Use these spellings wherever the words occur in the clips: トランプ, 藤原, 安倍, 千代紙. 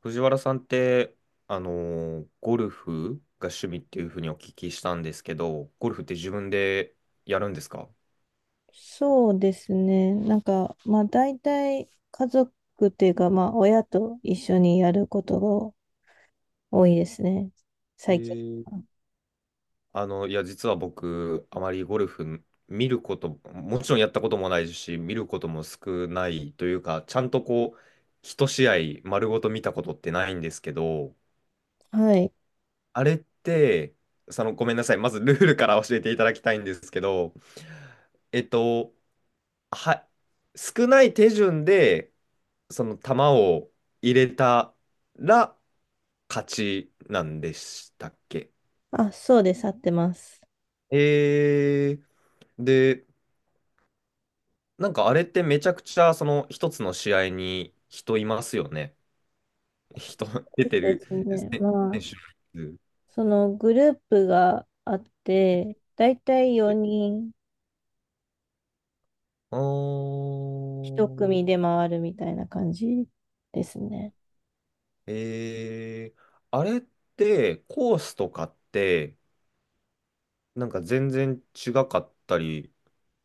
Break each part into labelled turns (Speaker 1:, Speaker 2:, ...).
Speaker 1: 藤原さんって、あのゴルフが趣味っていうふうにお聞きしたんですけど、ゴルフって自分でやるんですか？
Speaker 2: そうですね。まあ大体家族っていうか、まあ親と一緒にやることが多いですね。
Speaker 1: え
Speaker 2: 最近
Speaker 1: ー、
Speaker 2: は。
Speaker 1: 実は僕、あまりゴルフ見ること、もちろんやったこともないし、見ることも少ないというか、ちゃんとこう、一試合丸ごと見たことってないんですけど、
Speaker 2: はい。
Speaker 1: あれって、その、ごめんなさい、まずルールから教えていただきたいんですけど、えっと、は、少ない手順で、その球を入れたら勝ちなんでしたっけ？
Speaker 2: あ、そうです。合ってます。
Speaker 1: えー、で、なんかあれってめちゃくちゃその一つの試合に人いますよね。人 出
Speaker 2: そ
Speaker 1: て
Speaker 2: うで
Speaker 1: る
Speaker 2: すね。
Speaker 1: 選
Speaker 2: ま
Speaker 1: 選
Speaker 2: あ、
Speaker 1: 手の数。
Speaker 2: そのグループがあって、大体4人
Speaker 1: あ
Speaker 2: 一
Speaker 1: ー、
Speaker 2: 組で回るみたいな感じですね。
Speaker 1: えー、あれってコースとかってなんか全然違かったり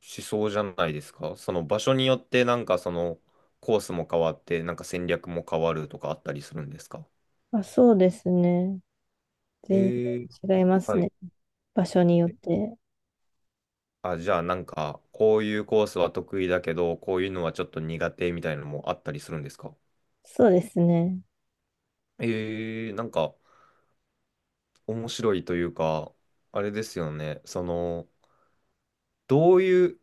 Speaker 1: しそうじゃないですか。その場所によってなんかそのコースも変わって、なんか戦略も変わるとかあったりするんですか？
Speaker 2: まあ、そうですね。
Speaker 1: え
Speaker 2: 全
Speaker 1: ー、
Speaker 2: 然違います
Speaker 1: はい。
Speaker 2: ね。場所によって。
Speaker 1: あ、じゃあなんかこういうコースは得意だけど、こういうのはちょっと苦手みたいなのもあったりするんですか？
Speaker 2: そうですね。
Speaker 1: えー、なんか面白いというか、あれですよね。その、どういう、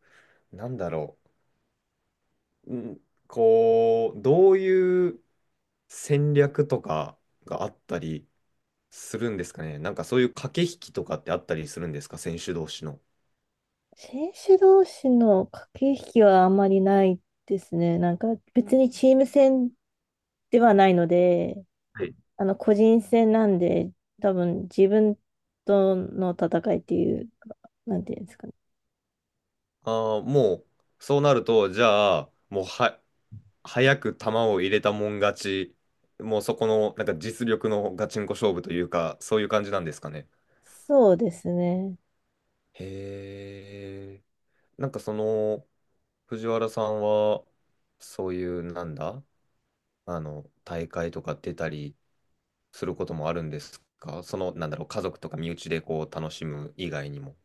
Speaker 1: なんだろう、ん、こう、どういう戦略とかがあったりするんですかね。なんかそういう駆け引きとかってあったりするんですか、選手同士の。
Speaker 2: 選手同士の駆け引きはあんまりないですね。なんか別にチーム戦ではないので、
Speaker 1: はい。
Speaker 2: 個人戦なんで、多分自分との戦いっていうか、なんていうんですかね。
Speaker 1: ああ、もう、そうなると、じゃあ、もうは、早く球を入れたもん勝ち、もうそこの、なんか実力のガチンコ勝負というか、そういう感じなんですかね。
Speaker 2: そうですね。
Speaker 1: へえ。なんかその、藤原さんは、そういう、なんだ、あの、大会とか出たりすることもあるんですか？その、なんだろう、家族とか身内でこう、楽しむ以外にも。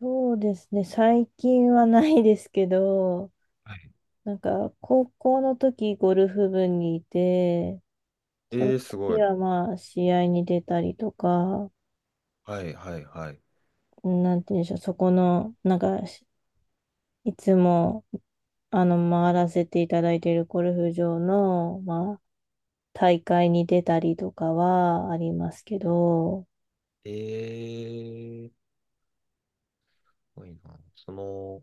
Speaker 2: そうですね。最近はないですけど、
Speaker 1: はい。
Speaker 2: なんか高校の時ゴルフ部にいて、その
Speaker 1: ええ、すご
Speaker 2: 時
Speaker 1: い。
Speaker 2: はまあ試合に出たりとか、
Speaker 1: はいはいはい。
Speaker 2: なんていうんでしょう、そこの、なんかしいつも、回らせていただいているゴルフ場の、まあ、大会に出たりとかはありますけど、
Speaker 1: ええー、すごいな。その、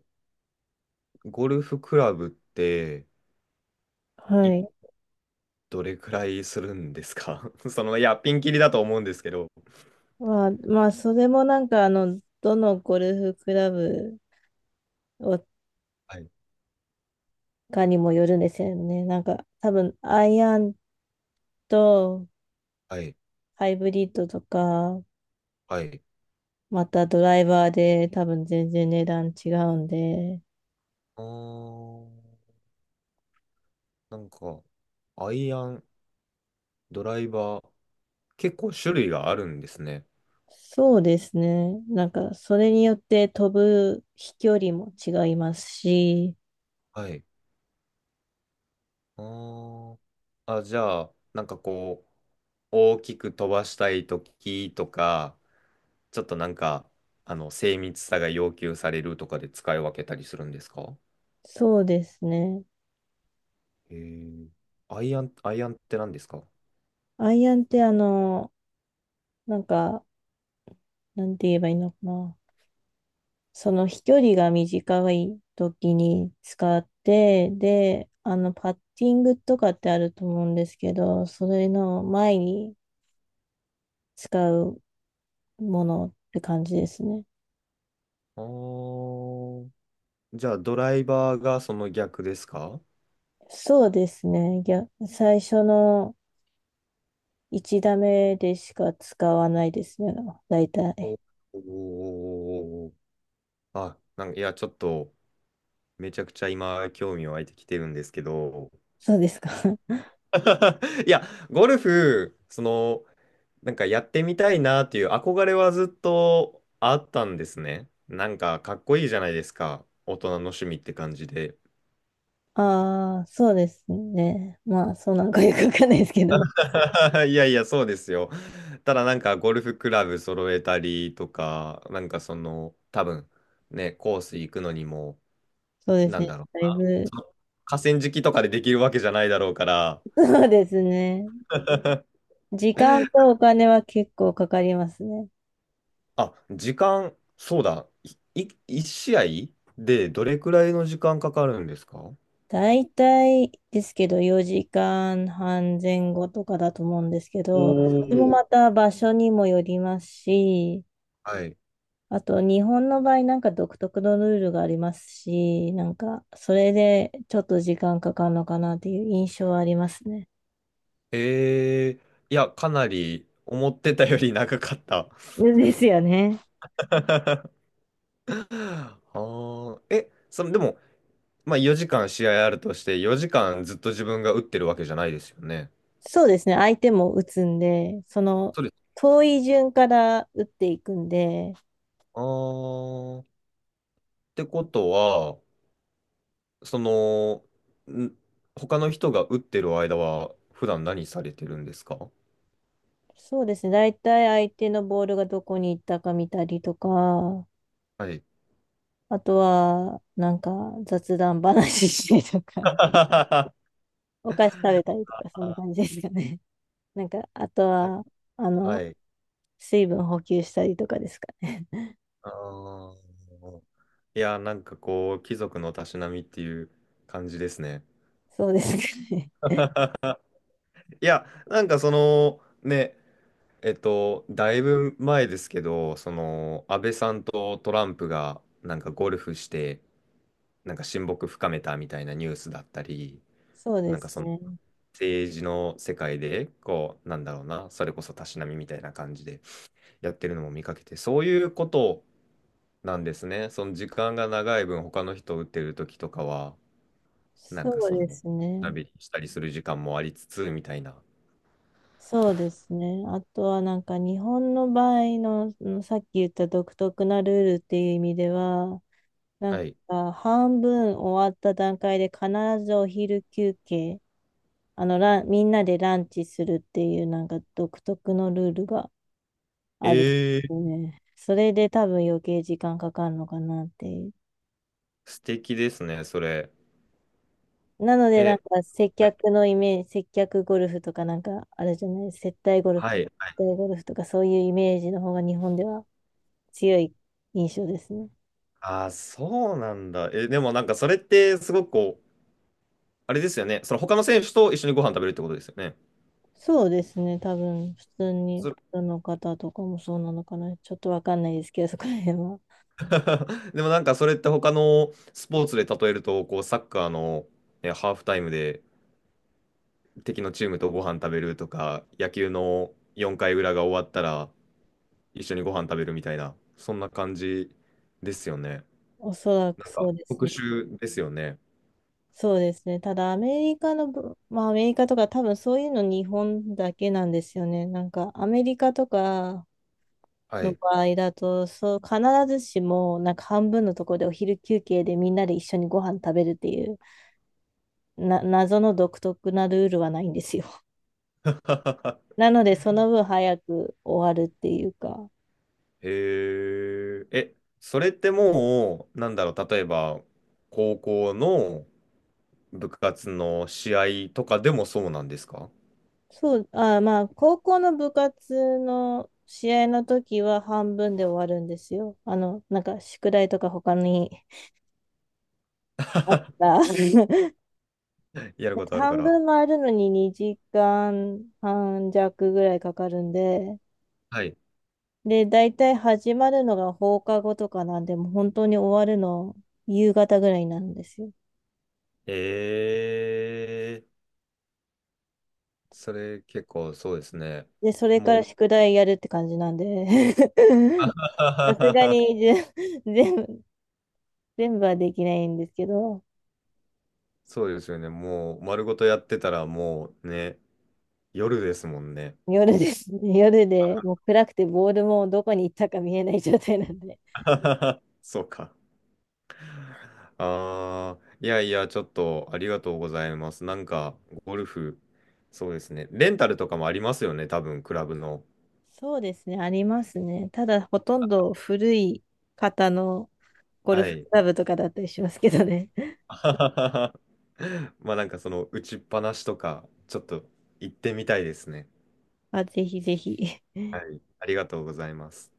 Speaker 1: ゴルフクラブって、い、
Speaker 2: はい。
Speaker 1: どれくらいするんですか？ その、いや、ピンキリだと思うんですけど。
Speaker 2: まあ、それもどのゴルフクラブを
Speaker 1: はい、
Speaker 2: かにもよるんですよね。なんか、多分、アイアンと
Speaker 1: はい、
Speaker 2: ハイブリッドとか、
Speaker 1: はい。
Speaker 2: またドライバーで多分全然値段違うんで、
Speaker 1: あー、なんか、アイアン、ドライバー、結構種類があるんですね。
Speaker 2: そうですね。なんか、それによって飛ぶ飛距離も違いますし、
Speaker 1: はい。あー、あ、じゃあ、なんかこう、大きく飛ばしたいときとか、ちょっとなんか、あの、精密さが要求されるとかで使い分けたりするんですか？
Speaker 2: そうですね。
Speaker 1: えー、アイアンって何ですか？
Speaker 2: アイアンってなんか、なんて言えばいいのかな。その飛距離が短い時に使って、で、パッティングとかってあると思うんですけど、それの前に使うものって感じですね。
Speaker 1: あー、じゃあドライバーがその逆ですか？
Speaker 2: そうですね。いや、最初の1打目でしか使わないですね。大体。
Speaker 1: おおー。あ、なんか、いや、ちょっと、めちゃくちゃ今、興味湧いてきてるんですけど。
Speaker 2: そうですか。
Speaker 1: いや、ゴルフ、その、なんかやってみたいなっていう憧れはずっとあったんですね。なんかかっこいいじゃないですか。大人の趣味って感じで。
Speaker 2: ああ、そうですね。まあ、そうなんかよくわかんないですけど。
Speaker 1: いやいや、そうですよ。ただなんかゴルフクラブ揃えたりとか、なんかその、多分ね、コース行くのにも、
Speaker 2: そうです
Speaker 1: なん
Speaker 2: ね。
Speaker 1: だろう。
Speaker 2: だいぶ、
Speaker 1: その河川敷とかでできるわけじゃないだろうから。
Speaker 2: そうですね。時間とお金は結構かかりますね。
Speaker 1: あ、時間、そうだ。一試合でどれくらいの時間かかるんですか？お
Speaker 2: だいたいですけど、4時間半前後とかだと思うんですけど、それも
Speaker 1: ー、
Speaker 2: また場所にもよりますし、
Speaker 1: はい。
Speaker 2: あと日本の場合なんか独特のルールがありますし、なんかそれでちょっと時間かかるのかなっていう印象はありますね。
Speaker 1: えー、いや、かなり思ってたより長かった。
Speaker 2: ですよね。
Speaker 1: ああ、え、その、でも、まあ4時間試合あるとして、4時間ずっと自分が打ってるわけじゃないですよね。
Speaker 2: そうですね。相手も打つんで、その
Speaker 1: そうです。
Speaker 2: 遠い順から打っていくんで、
Speaker 1: ああ、ってことは、その、ん他の人が打ってる間は、普段何されてるんですか？
Speaker 2: そうですね。大体相手のボールがどこに行ったか見たりとか、
Speaker 1: はい。
Speaker 2: あとは、なんか雑談話してとか、
Speaker 1: あ
Speaker 2: お菓子食べたりとか、そんな感じですかね。なんか、あと
Speaker 1: ー、
Speaker 2: は、あ
Speaker 1: は
Speaker 2: の、
Speaker 1: い。
Speaker 2: 水分補給したりとかですかね。
Speaker 1: あー、いや、なんかこう、貴族のたしなみっていう感じですね。
Speaker 2: そうですかね。
Speaker 1: いや、なんかその、ね、えっと、だいぶ前ですけど、その、安倍さんとトランプが、なんかゴルフして、なんか親睦深めたみたいなニュースだったり、
Speaker 2: そうで
Speaker 1: なんか
Speaker 2: す
Speaker 1: その、
Speaker 2: ね。
Speaker 1: 政治の世界で、こう、なんだろうな、それこそたしなみみたいな感じでやってるのも見かけて、そういうことを、なんですね。その時間が長い分、他の人を打ってる時とかは、なんか
Speaker 2: そう
Speaker 1: そ
Speaker 2: で
Speaker 1: の、
Speaker 2: すね。
Speaker 1: 旅したりする時間もありつつ、みたいな。
Speaker 2: そうですね。あとはなんか日本の場合の、うんさっき言った独特なルールっていう意味では、なん
Speaker 1: はい。
Speaker 2: か、半分終わった段階で必ずお昼休憩、みんなでランチするっていう、なんか独特のルールがあるんで
Speaker 1: えー、
Speaker 2: すね。それで多分余計時間かかるのかなっていう。
Speaker 1: 素敵ですね、それ。
Speaker 2: なので、な
Speaker 1: え、
Speaker 2: んか、接客のイメージ、接客ゴルフとかなんか、あるじゃない、接待ゴルフ
Speaker 1: は
Speaker 2: か、
Speaker 1: い。はい。
Speaker 2: 接待ゴルフとかそういうイメージの方が日本では強い印象ですね。
Speaker 1: ああ、そうなんだ。え、でもなんかそれってすごくこう、あれですよね。その他の選手と一緒にご飯食べるってことですよね。
Speaker 2: そうですね、多分普通に
Speaker 1: そ
Speaker 2: プロの方とかもそうなのかな、ちょっとわかんないですけど、そこら辺は。
Speaker 1: でもなんかそれって他のスポーツで例えると、こう、サッカーの、ねハーフタイムで、敵のチームとご飯食べるとか、野球の4回裏が終わったら一緒にご飯食べるみたいな、そんな感じですよね。
Speaker 2: おそらく
Speaker 1: なんか
Speaker 2: そうです
Speaker 1: 特
Speaker 2: ね。
Speaker 1: 殊ですよね。
Speaker 2: そうですね、ただアメリカとか、多分そういうの日本だけなんですよね。なんかアメリカとか
Speaker 1: は
Speaker 2: の
Speaker 1: い。
Speaker 2: 場合だと、そう必ずしもなんか半分のところでお昼休憩でみんなで一緒にご飯食べるっていうな謎の独特なルールはないんですよ。なので、その分早く終わるっていうか。
Speaker 1: へえ、え、それってもう、なんだろう、例えば、高校の部活の試合とかでもそうなんですか？
Speaker 2: まあ、高校の部活の試合の時は半分で終わるんですよ。あの、なんか宿題とか他にあっ た。
Speaker 1: やることあるか
Speaker 2: 半
Speaker 1: ら。
Speaker 2: 分回るのに2時間半弱ぐらいかかるんで、
Speaker 1: はい。
Speaker 2: で、大体始まるのが放課後とかなんで、もう本当に終わるの夕方ぐらいなんですよ。
Speaker 1: ええ、それ結構そうですね。
Speaker 2: で、それか
Speaker 1: も
Speaker 2: ら
Speaker 1: う
Speaker 2: 宿題やるって感じなんで、さすが に全部、全部はできないんですけど、
Speaker 1: そうですよね。もう丸ごとやってたらもうね、夜ですもんね。
Speaker 2: 夜ですね。夜で、もう暗くてボールもどこに行ったか見えない状態なんで。
Speaker 1: そうか。ああ、いやいや、ちょっとありがとうございます。なんか、ゴルフ、そうですね。レンタルとかもありますよね、多分、クラブの。
Speaker 2: そうですね、ありますね。ただ、ほとんど古い方のゴル
Speaker 1: は
Speaker 2: フク
Speaker 1: い。
Speaker 2: ラブとかだったりしますけどね。
Speaker 1: まあなんかその打ちっぱなしとか、ちょっと行ってみたいですね。
Speaker 2: あ、ぜひぜひ。
Speaker 1: はい。ありがとうございます。